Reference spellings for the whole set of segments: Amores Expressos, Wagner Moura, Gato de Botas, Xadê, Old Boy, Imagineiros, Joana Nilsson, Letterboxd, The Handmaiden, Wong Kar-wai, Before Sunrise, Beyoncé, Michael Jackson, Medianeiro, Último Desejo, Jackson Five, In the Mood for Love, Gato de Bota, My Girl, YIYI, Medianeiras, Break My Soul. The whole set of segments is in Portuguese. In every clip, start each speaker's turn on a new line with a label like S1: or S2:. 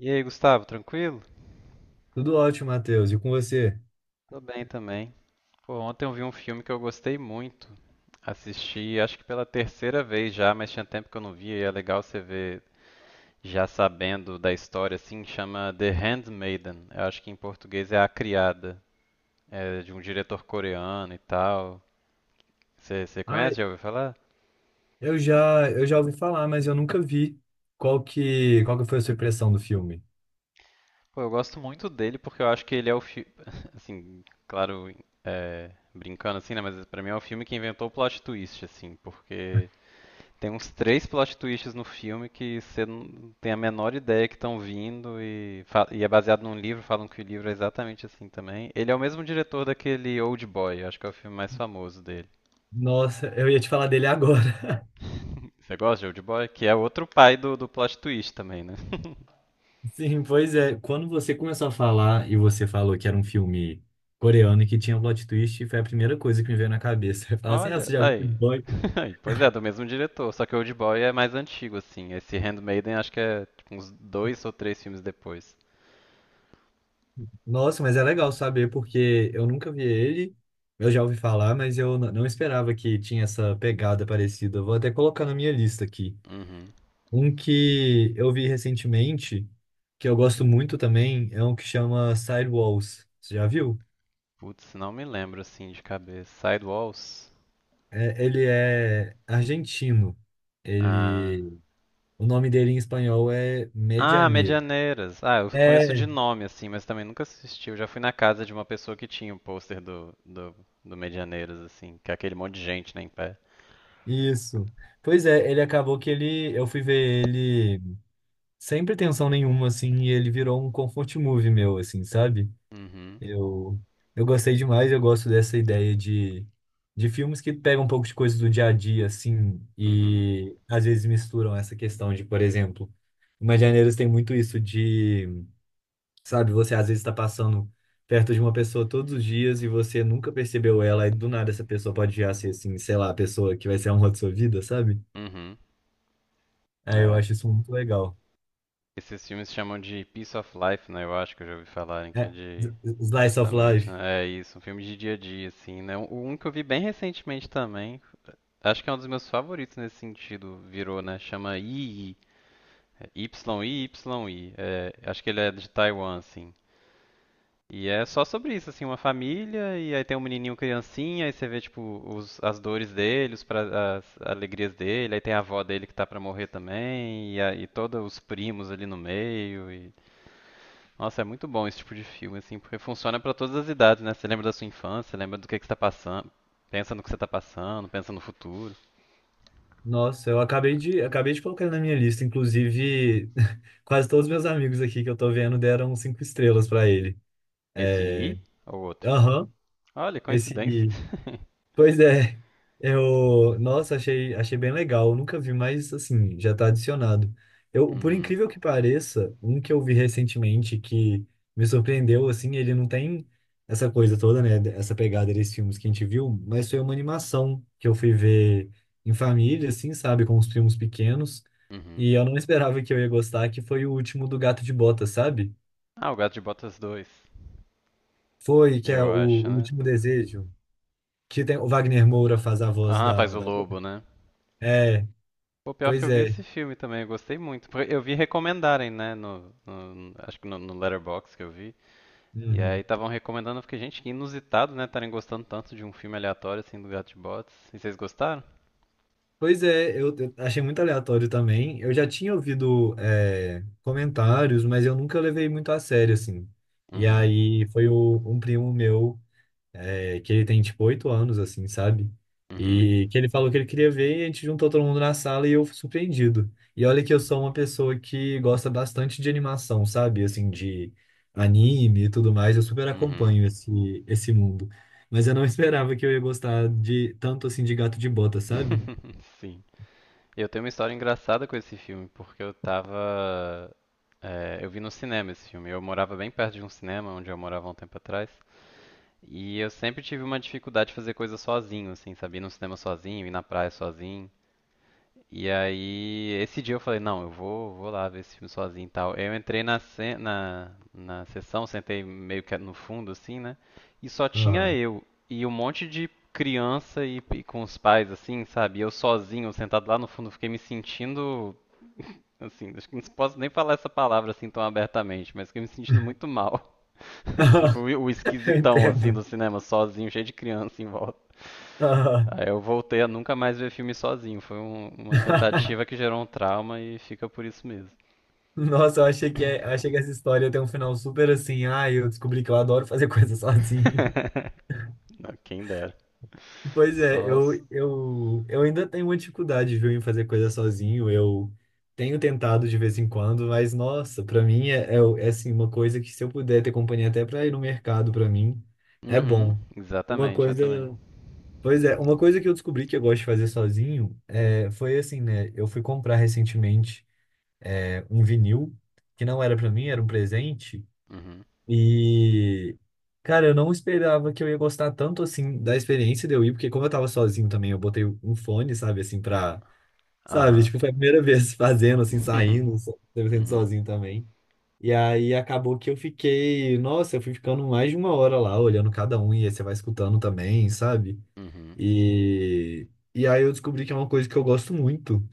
S1: E aí, Gustavo, tranquilo?
S2: Tudo ótimo, Matheus. E com você?
S1: Tô bem também. Pô, ontem eu vi um filme que eu gostei muito. Assisti, acho que pela terceira vez já, mas tinha tempo que eu não via e é legal você ver já sabendo da história, assim, chama The Handmaiden. Eu acho que em português é A Criada. É de um diretor coreano e tal. Você
S2: Ah,
S1: conhece? Já ouviu falar?
S2: eu já ouvi falar, mas eu nunca vi. Qual que foi a sua impressão do filme?
S1: Pô, eu gosto muito dele porque eu acho que ele é o filme. Assim, claro, é, brincando assim, né? Mas pra mim é o filme que inventou o plot twist, assim, porque. Tem uns três plot twists no filme que você não tem a menor ideia que estão vindo e, e é baseado num livro, falam que o livro é exatamente assim também. Ele é o mesmo diretor daquele Old Boy, acho que é o filme mais famoso dele.
S2: Nossa, eu ia te falar dele agora.
S1: Você gosta de Old Boy? Que é outro pai do plot twist também, né?
S2: Sim, pois é. Quando você começou a falar e você falou que era um filme coreano e que tinha um plot twist, foi a primeira coisa que me veio na cabeça. Eu falei assim, ah,
S1: Olha,
S2: você já viu o
S1: aí.
S2: boy.
S1: Aí, pois é, do mesmo diretor, só que Old Boy é mais antigo, assim. Esse Handmaiden acho que é tipo, uns dois ou três filmes depois.
S2: Nossa, mas é legal saber, porque eu nunca vi ele. Eu já ouvi falar, mas não esperava que tinha essa pegada parecida. Vou até colocar na minha lista aqui.
S1: Uhum.
S2: Um que eu vi recentemente, que eu gosto muito também, é um que chama Sidewalls. Você já viu?
S1: Putz, não me lembro assim de cabeça. Sidewalls?
S2: Ele é argentino.
S1: Ah.
S2: Ele, o nome dele em espanhol é
S1: Ah,
S2: Medianeiro.
S1: Medianeiras. Ah, eu conheço de
S2: É,
S1: nome, assim, mas também nunca assisti. Eu já fui na casa de uma pessoa que tinha o pôster do Medianeiras, assim, que é aquele monte de gente, né, em pé.
S2: isso. Pois é, ele acabou que ele, eu fui ver ele sem pretensão nenhuma, assim, e ele virou um comfort movie meu, assim, sabe?
S1: Uhum,
S2: Eu, eu gostei demais, eu gosto dessa ideia de filmes que pegam um pouco de coisas do dia a dia, assim,
S1: uhum,
S2: e às vezes misturam essa questão de, por exemplo, Imagineiros tem muito isso de, sabe, você às vezes está passando perto de uma pessoa todos os dias e você nunca percebeu ela, e do nada essa pessoa pode já ser, assim, sei lá, a pessoa que vai ser a honra de sua vida, sabe?
S1: uhum.
S2: Aí eu acho
S1: É.
S2: isso muito legal.
S1: Esses filmes chamam de Piece of Life, né? Eu acho que eu já ouvi falarem que é
S2: É,
S1: de.
S2: slice of
S1: Justamente,
S2: life.
S1: né? É isso, um filme de dia a dia, assim, né? O um que eu vi bem recentemente também. Acho que é um dos meus favoritos nesse sentido, virou, né? Chama Y I é YIYI. É, acho que ele é de Taiwan, assim. E é só sobre isso, assim, uma família, e aí tem um menininho criancinha, aí você vê, tipo, as dores dele, as alegrias dele, aí tem a avó dele que tá pra morrer também, e aí todos os primos ali no meio, e... Nossa, é muito bom esse tipo de filme, assim, porque funciona pra todas as idades, né? Você lembra da sua infância, você lembra do que você tá passando, pensa no que você tá passando, pensa no futuro.
S2: Nossa, acabei de colocar ele na minha lista. Inclusive, quase todos os meus amigos aqui que eu tô vendo deram cinco estrelas pra ele.
S1: Esse
S2: É,
S1: I ou outro?
S2: aham,
S1: Olha, coincidência.
S2: esse. Pois é, nossa, achei bem legal. Eu nunca vi, mas assim, já tá adicionado. Eu, por
S1: Uhum,
S2: incrível que pareça, um que eu vi recentemente que me surpreendeu, assim, ele não tem essa coisa toda, né? Essa pegada desses filmes que a gente viu, mas foi uma animação que eu fui ver em família, assim, sabe, com os primos pequenos.
S1: uhum.
S2: E eu não esperava que eu ia gostar, que foi o último do Gato de Bota, sabe?
S1: Ah, o Gato de Botas 2,
S2: Foi, que é
S1: eu acho,
S2: o
S1: né?
S2: Último Desejo, que tem, o Wagner Moura faz a voz
S1: Ah, faz o
S2: da...
S1: lobo, né?
S2: É.
S1: O pior que
S2: Pois
S1: eu vi
S2: é.
S1: esse filme também, eu gostei muito. Porque eu vi recomendarem, né, acho que no Letterboxd que eu vi. E aí
S2: Uhum.
S1: estavam recomendando, eu fiquei, gente, que inusitado, né, estarem gostando tanto de um filme aleatório assim do Gato de Botas. E vocês gostaram?
S2: Pois é, eu achei muito aleatório também. Eu já tinha ouvido é, comentários, mas eu nunca levei muito a sério, assim. E
S1: Uhum,
S2: aí foi um primo meu. É, que ele tem tipo 8 anos, assim, sabe?
S1: uhum,
S2: E que ele falou que ele queria ver e a gente juntou todo mundo na sala e eu fui surpreendido. E olha que eu sou uma pessoa que gosta bastante de animação, sabe? Assim, de anime e tudo mais, eu super
S1: uhum.
S2: acompanho esse mundo. Mas eu não esperava que eu ia gostar de tanto assim de gato de bota, sabe?
S1: Sim. Eu tenho uma história engraçada com esse filme, porque eu tava. Eu vi no cinema esse filme. Eu morava bem perto de um cinema, onde eu morava há um tempo atrás. E eu sempre tive uma dificuldade de fazer coisa sozinho, assim, sabe? Ir no cinema sozinho, ir na praia sozinho. E aí, esse dia eu falei, não, vou lá ver esse filme sozinho e tal. Eu entrei na sessão, sentei meio que no fundo, assim, né? E só tinha
S2: Aham.
S1: eu e um monte de criança e com os pais, assim, sabe? E eu sozinho, sentado lá no fundo, fiquei me sentindo, assim, acho que não posso nem falar essa palavra assim tão abertamente, mas fiquei me sentindo muito mal. Tipo, o
S2: Eu
S1: esquisitão, assim,
S2: entendo.
S1: do cinema, sozinho, cheio de criança em volta.
S2: Aham.
S1: Aí eu voltei a nunca mais ver filme sozinho. Foi uma tentativa que gerou um trauma e fica por isso mesmo.
S2: Nossa, eu achei que essa história tem um final super assim. Ah, eu descobri que eu adoro fazer coisas sozinho.
S1: Quem dera.
S2: Pois é,
S1: Só. s-
S2: eu ainda tenho uma dificuldade, viu, em fazer coisa sozinho. Eu tenho tentado de vez em quando, mas nossa, pra mim é, assim, uma coisa que se eu puder ter companhia até pra ir no mercado, pra mim, é
S1: Uhum,
S2: bom. Uma
S1: exatamente, eu
S2: coisa,
S1: também.
S2: pois é, uma coisa que eu descobri que eu gosto de fazer sozinho é, foi assim, né? Eu fui comprar recentemente é, um vinil que não era pra mim, era um presente.
S1: Uhum.
S2: E, cara, eu não esperava que eu ia gostar tanto assim da experiência de eu ir, porque como eu tava sozinho também, eu botei um fone, sabe, assim, pra. Sabe,
S1: Aham.
S2: tipo, foi a primeira vez fazendo, assim, saindo, sendo
S1: Uhum,
S2: sozinho também. E aí acabou que eu fiquei. Nossa, eu fui ficando mais de uma hora lá, olhando cada um, e aí você vai escutando também, sabe?
S1: uhum,
S2: E. E aí eu descobri que é uma coisa que eu gosto muito,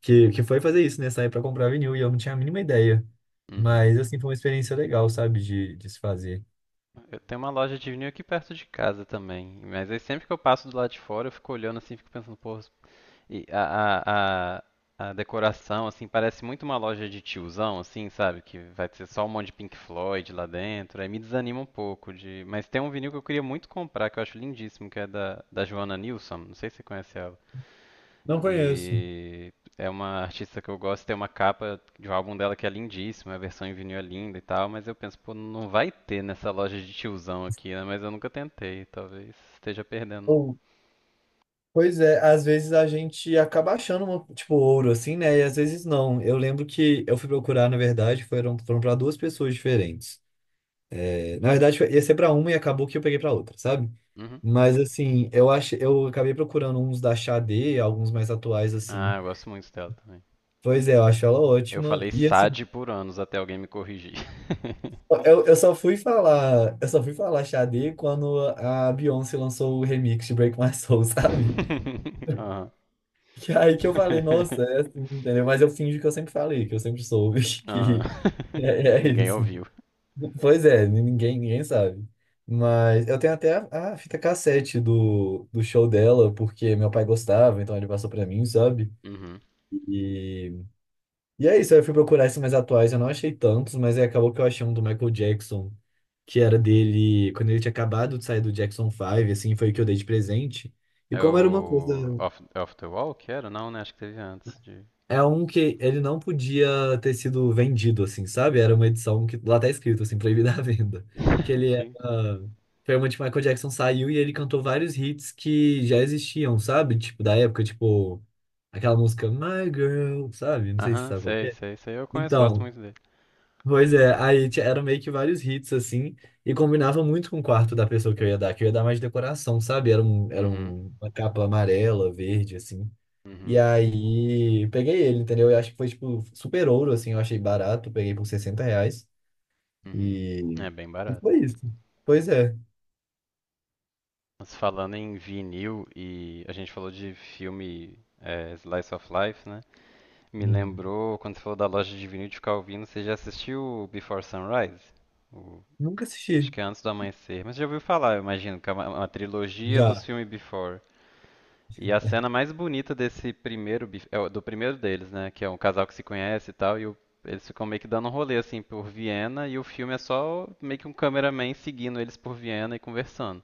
S2: que foi fazer isso, né? Sair pra comprar vinil, e eu não tinha a mínima ideia.
S1: uhum.
S2: Mas, assim, foi uma experiência legal, sabe, de se fazer.
S1: Eu tenho uma loja de vinil aqui perto de casa também. Mas aí sempre que eu passo do lado de fora, eu fico olhando assim, fico pensando, pô, e a decoração, assim, parece muito uma loja de tiozão, assim, sabe? Que vai ter só um monte de Pink Floyd lá dentro. Aí me desanima um pouco de. Mas tem um vinil que eu queria muito comprar, que eu acho lindíssimo, que é da Joana Nilsson. Não sei se você conhece ela.
S2: Não conheço.
S1: E é uma artista que eu gosto, tem uma capa de um álbum dela que é lindíssima, a versão em vinil é linda e tal, mas eu penso, pô, não vai ter nessa loja de tiozão aqui, né? Mas eu nunca tentei, talvez esteja perdendo.
S2: Ou-. Pois é, às vezes a gente acaba achando, uma, tipo, ouro, assim, né? E às vezes não. Eu lembro que eu fui procurar, na verdade, foram para duas pessoas diferentes. É, na verdade, ia ser para uma e acabou que eu peguei para outra, sabe?
S1: Uhum.
S2: Mas, assim, eu achei, eu acabei procurando uns da Xadê, alguns mais atuais,
S1: Ah,
S2: assim.
S1: eu gosto muito dela também.
S2: Pois é, eu acho ela
S1: Eu
S2: ótima.
S1: falei
S2: E, assim,
S1: SAD por anos até alguém me corrigir.
S2: eu só fui falar Xadê quando a Beyoncé lançou o remix de Break My Soul, sabe?
S1: Aham.
S2: E aí que eu falei, nossa, é assim, entendeu? Mas eu finjo que eu sempre falei, que eu sempre soube.
S1: Aham.
S2: E é, é
S1: Ninguém
S2: isso.
S1: ouviu.
S2: Pois é, ninguém sabe. Mas eu tenho até a fita cassete do show dela, porque meu pai gostava, então ele passou pra mim, sabe?
S1: Uhum.
S2: E, e é isso, aí eu fui procurar esses mais atuais, eu não achei tantos, mas aí acabou que eu achei um do Michael Jackson, que era dele, quando ele tinha acabado de sair do Jackson Five assim, foi o que eu dei de presente. E
S1: É
S2: como era uma
S1: o
S2: coisa.
S1: Off the Wall que era? Não, né? Acho que teve antes de.
S2: É um que ele não podia ter sido vendido, assim, sabe? Era uma edição que lá tá escrito, assim, proibida a venda. Que ele era.
S1: Gente.
S2: Foi uma que Michael Jackson saiu e ele cantou vários hits que já existiam, sabe? Tipo, da época, tipo, aquela música My Girl, sabe? Não sei se você
S1: Aham,
S2: sabe qual que
S1: sei,
S2: é.
S1: sei, sei. Eu conheço, gosto
S2: Então,
S1: muito dele.
S2: pois é, aí ti- eram meio que vários hits, assim, e combinava muito com o quarto da pessoa que eu ia dar, que eu ia dar mais decoração, sabe?
S1: Uhum,
S2: Uma capa amarela, verde, assim. E
S1: uhum,
S2: aí, peguei ele, entendeu? Eu acho que foi, tipo, super ouro, assim. Eu achei barato, peguei por R$ 60.
S1: uhum.
S2: E
S1: É bem
S2: e
S1: barato.
S2: foi isso. Pois é.
S1: Mas falando em vinil e a gente falou de filme é, Slice of Life, né? Me
S2: Uhum.
S1: lembrou, quando você falou da loja de vinil de ficar ouvindo, você já assistiu o Before Sunrise? O-
S2: Nunca
S1: Acho
S2: assisti.
S1: que é Antes do Amanhecer. Mas já ouviu falar, eu imagino, que é uma trilogia dos
S2: Já.
S1: filmes Before. E a cena mais bonita desse primeiro, do primeiro deles, né? Que é um casal que se conhece e tal, eles ficam meio que dando um rolê, assim, por Viena, e o filme é só meio que um cameraman seguindo eles por Viena e conversando.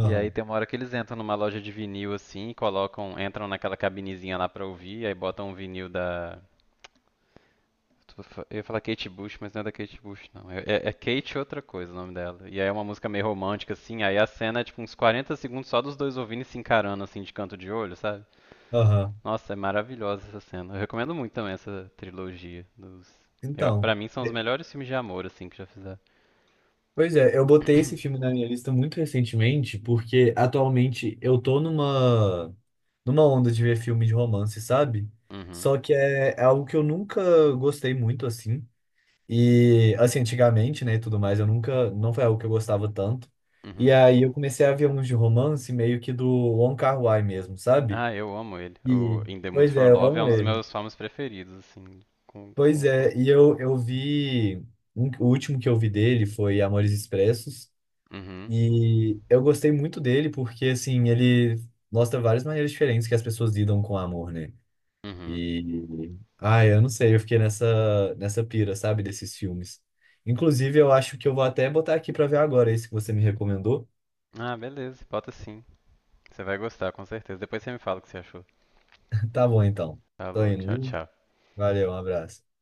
S1: E aí tem uma hora que eles entram numa loja de vinil, assim, e colocam, entram naquela cabinezinha lá pra ouvir, aí botam um vinil da... Eu ia falar Kate Bush, mas não é da Kate Bush, não. É Kate outra coisa o nome dela. E aí é uma música meio romântica, assim. Aí a cena é tipo uns 40 segundos só dos dois ouvindo e se encarando, assim, de canto de olho, sabe?
S2: Aham.
S1: Nossa, é maravilhosa essa cena. Eu recomendo muito também essa trilogia dos. Eu, pra
S2: Então.
S1: mim são os
S2: é,
S1: melhores filmes de amor, assim, que já fizeram.
S2: Pois é, eu botei esse filme na minha lista muito recentemente, porque atualmente eu tô numa, numa onda de ver filme de romance, sabe?
S1: Uhum,
S2: Só que é algo que eu nunca gostei muito, assim. E assim, antigamente, né, e tudo mais, eu nunca, não foi algo que eu gostava tanto. E
S1: uhum.
S2: aí eu comecei a ver uns de romance meio que do Wong Kar-wai mesmo, sabe?
S1: Ah, eu amo ele.
S2: E
S1: O In the Mood
S2: Pois
S1: for
S2: é, eu
S1: Love é
S2: amo
S1: um dos
S2: ele.
S1: meus filmes preferidos, assim,
S2: Pois
S1: com fã.
S2: é, e eu vi o último que eu vi dele foi Amores Expressos
S1: Uhum,
S2: e eu gostei muito dele porque assim, ele mostra várias maneiras diferentes que as pessoas lidam com o amor, né?
S1: uhum.
S2: E. Ai, eu não sei, eu fiquei nessa pira, sabe, desses filmes. Inclusive, eu acho que eu vou até botar aqui pra ver agora esse que você me recomendou.
S1: Ah, beleza, bota sim. Você vai gostar, com certeza. Depois você me fala o que você achou.
S2: Tá bom, então. Tô
S1: Alô,
S2: indo,
S1: tchau,
S2: viu?
S1: tchau.
S2: Valeu, um abraço.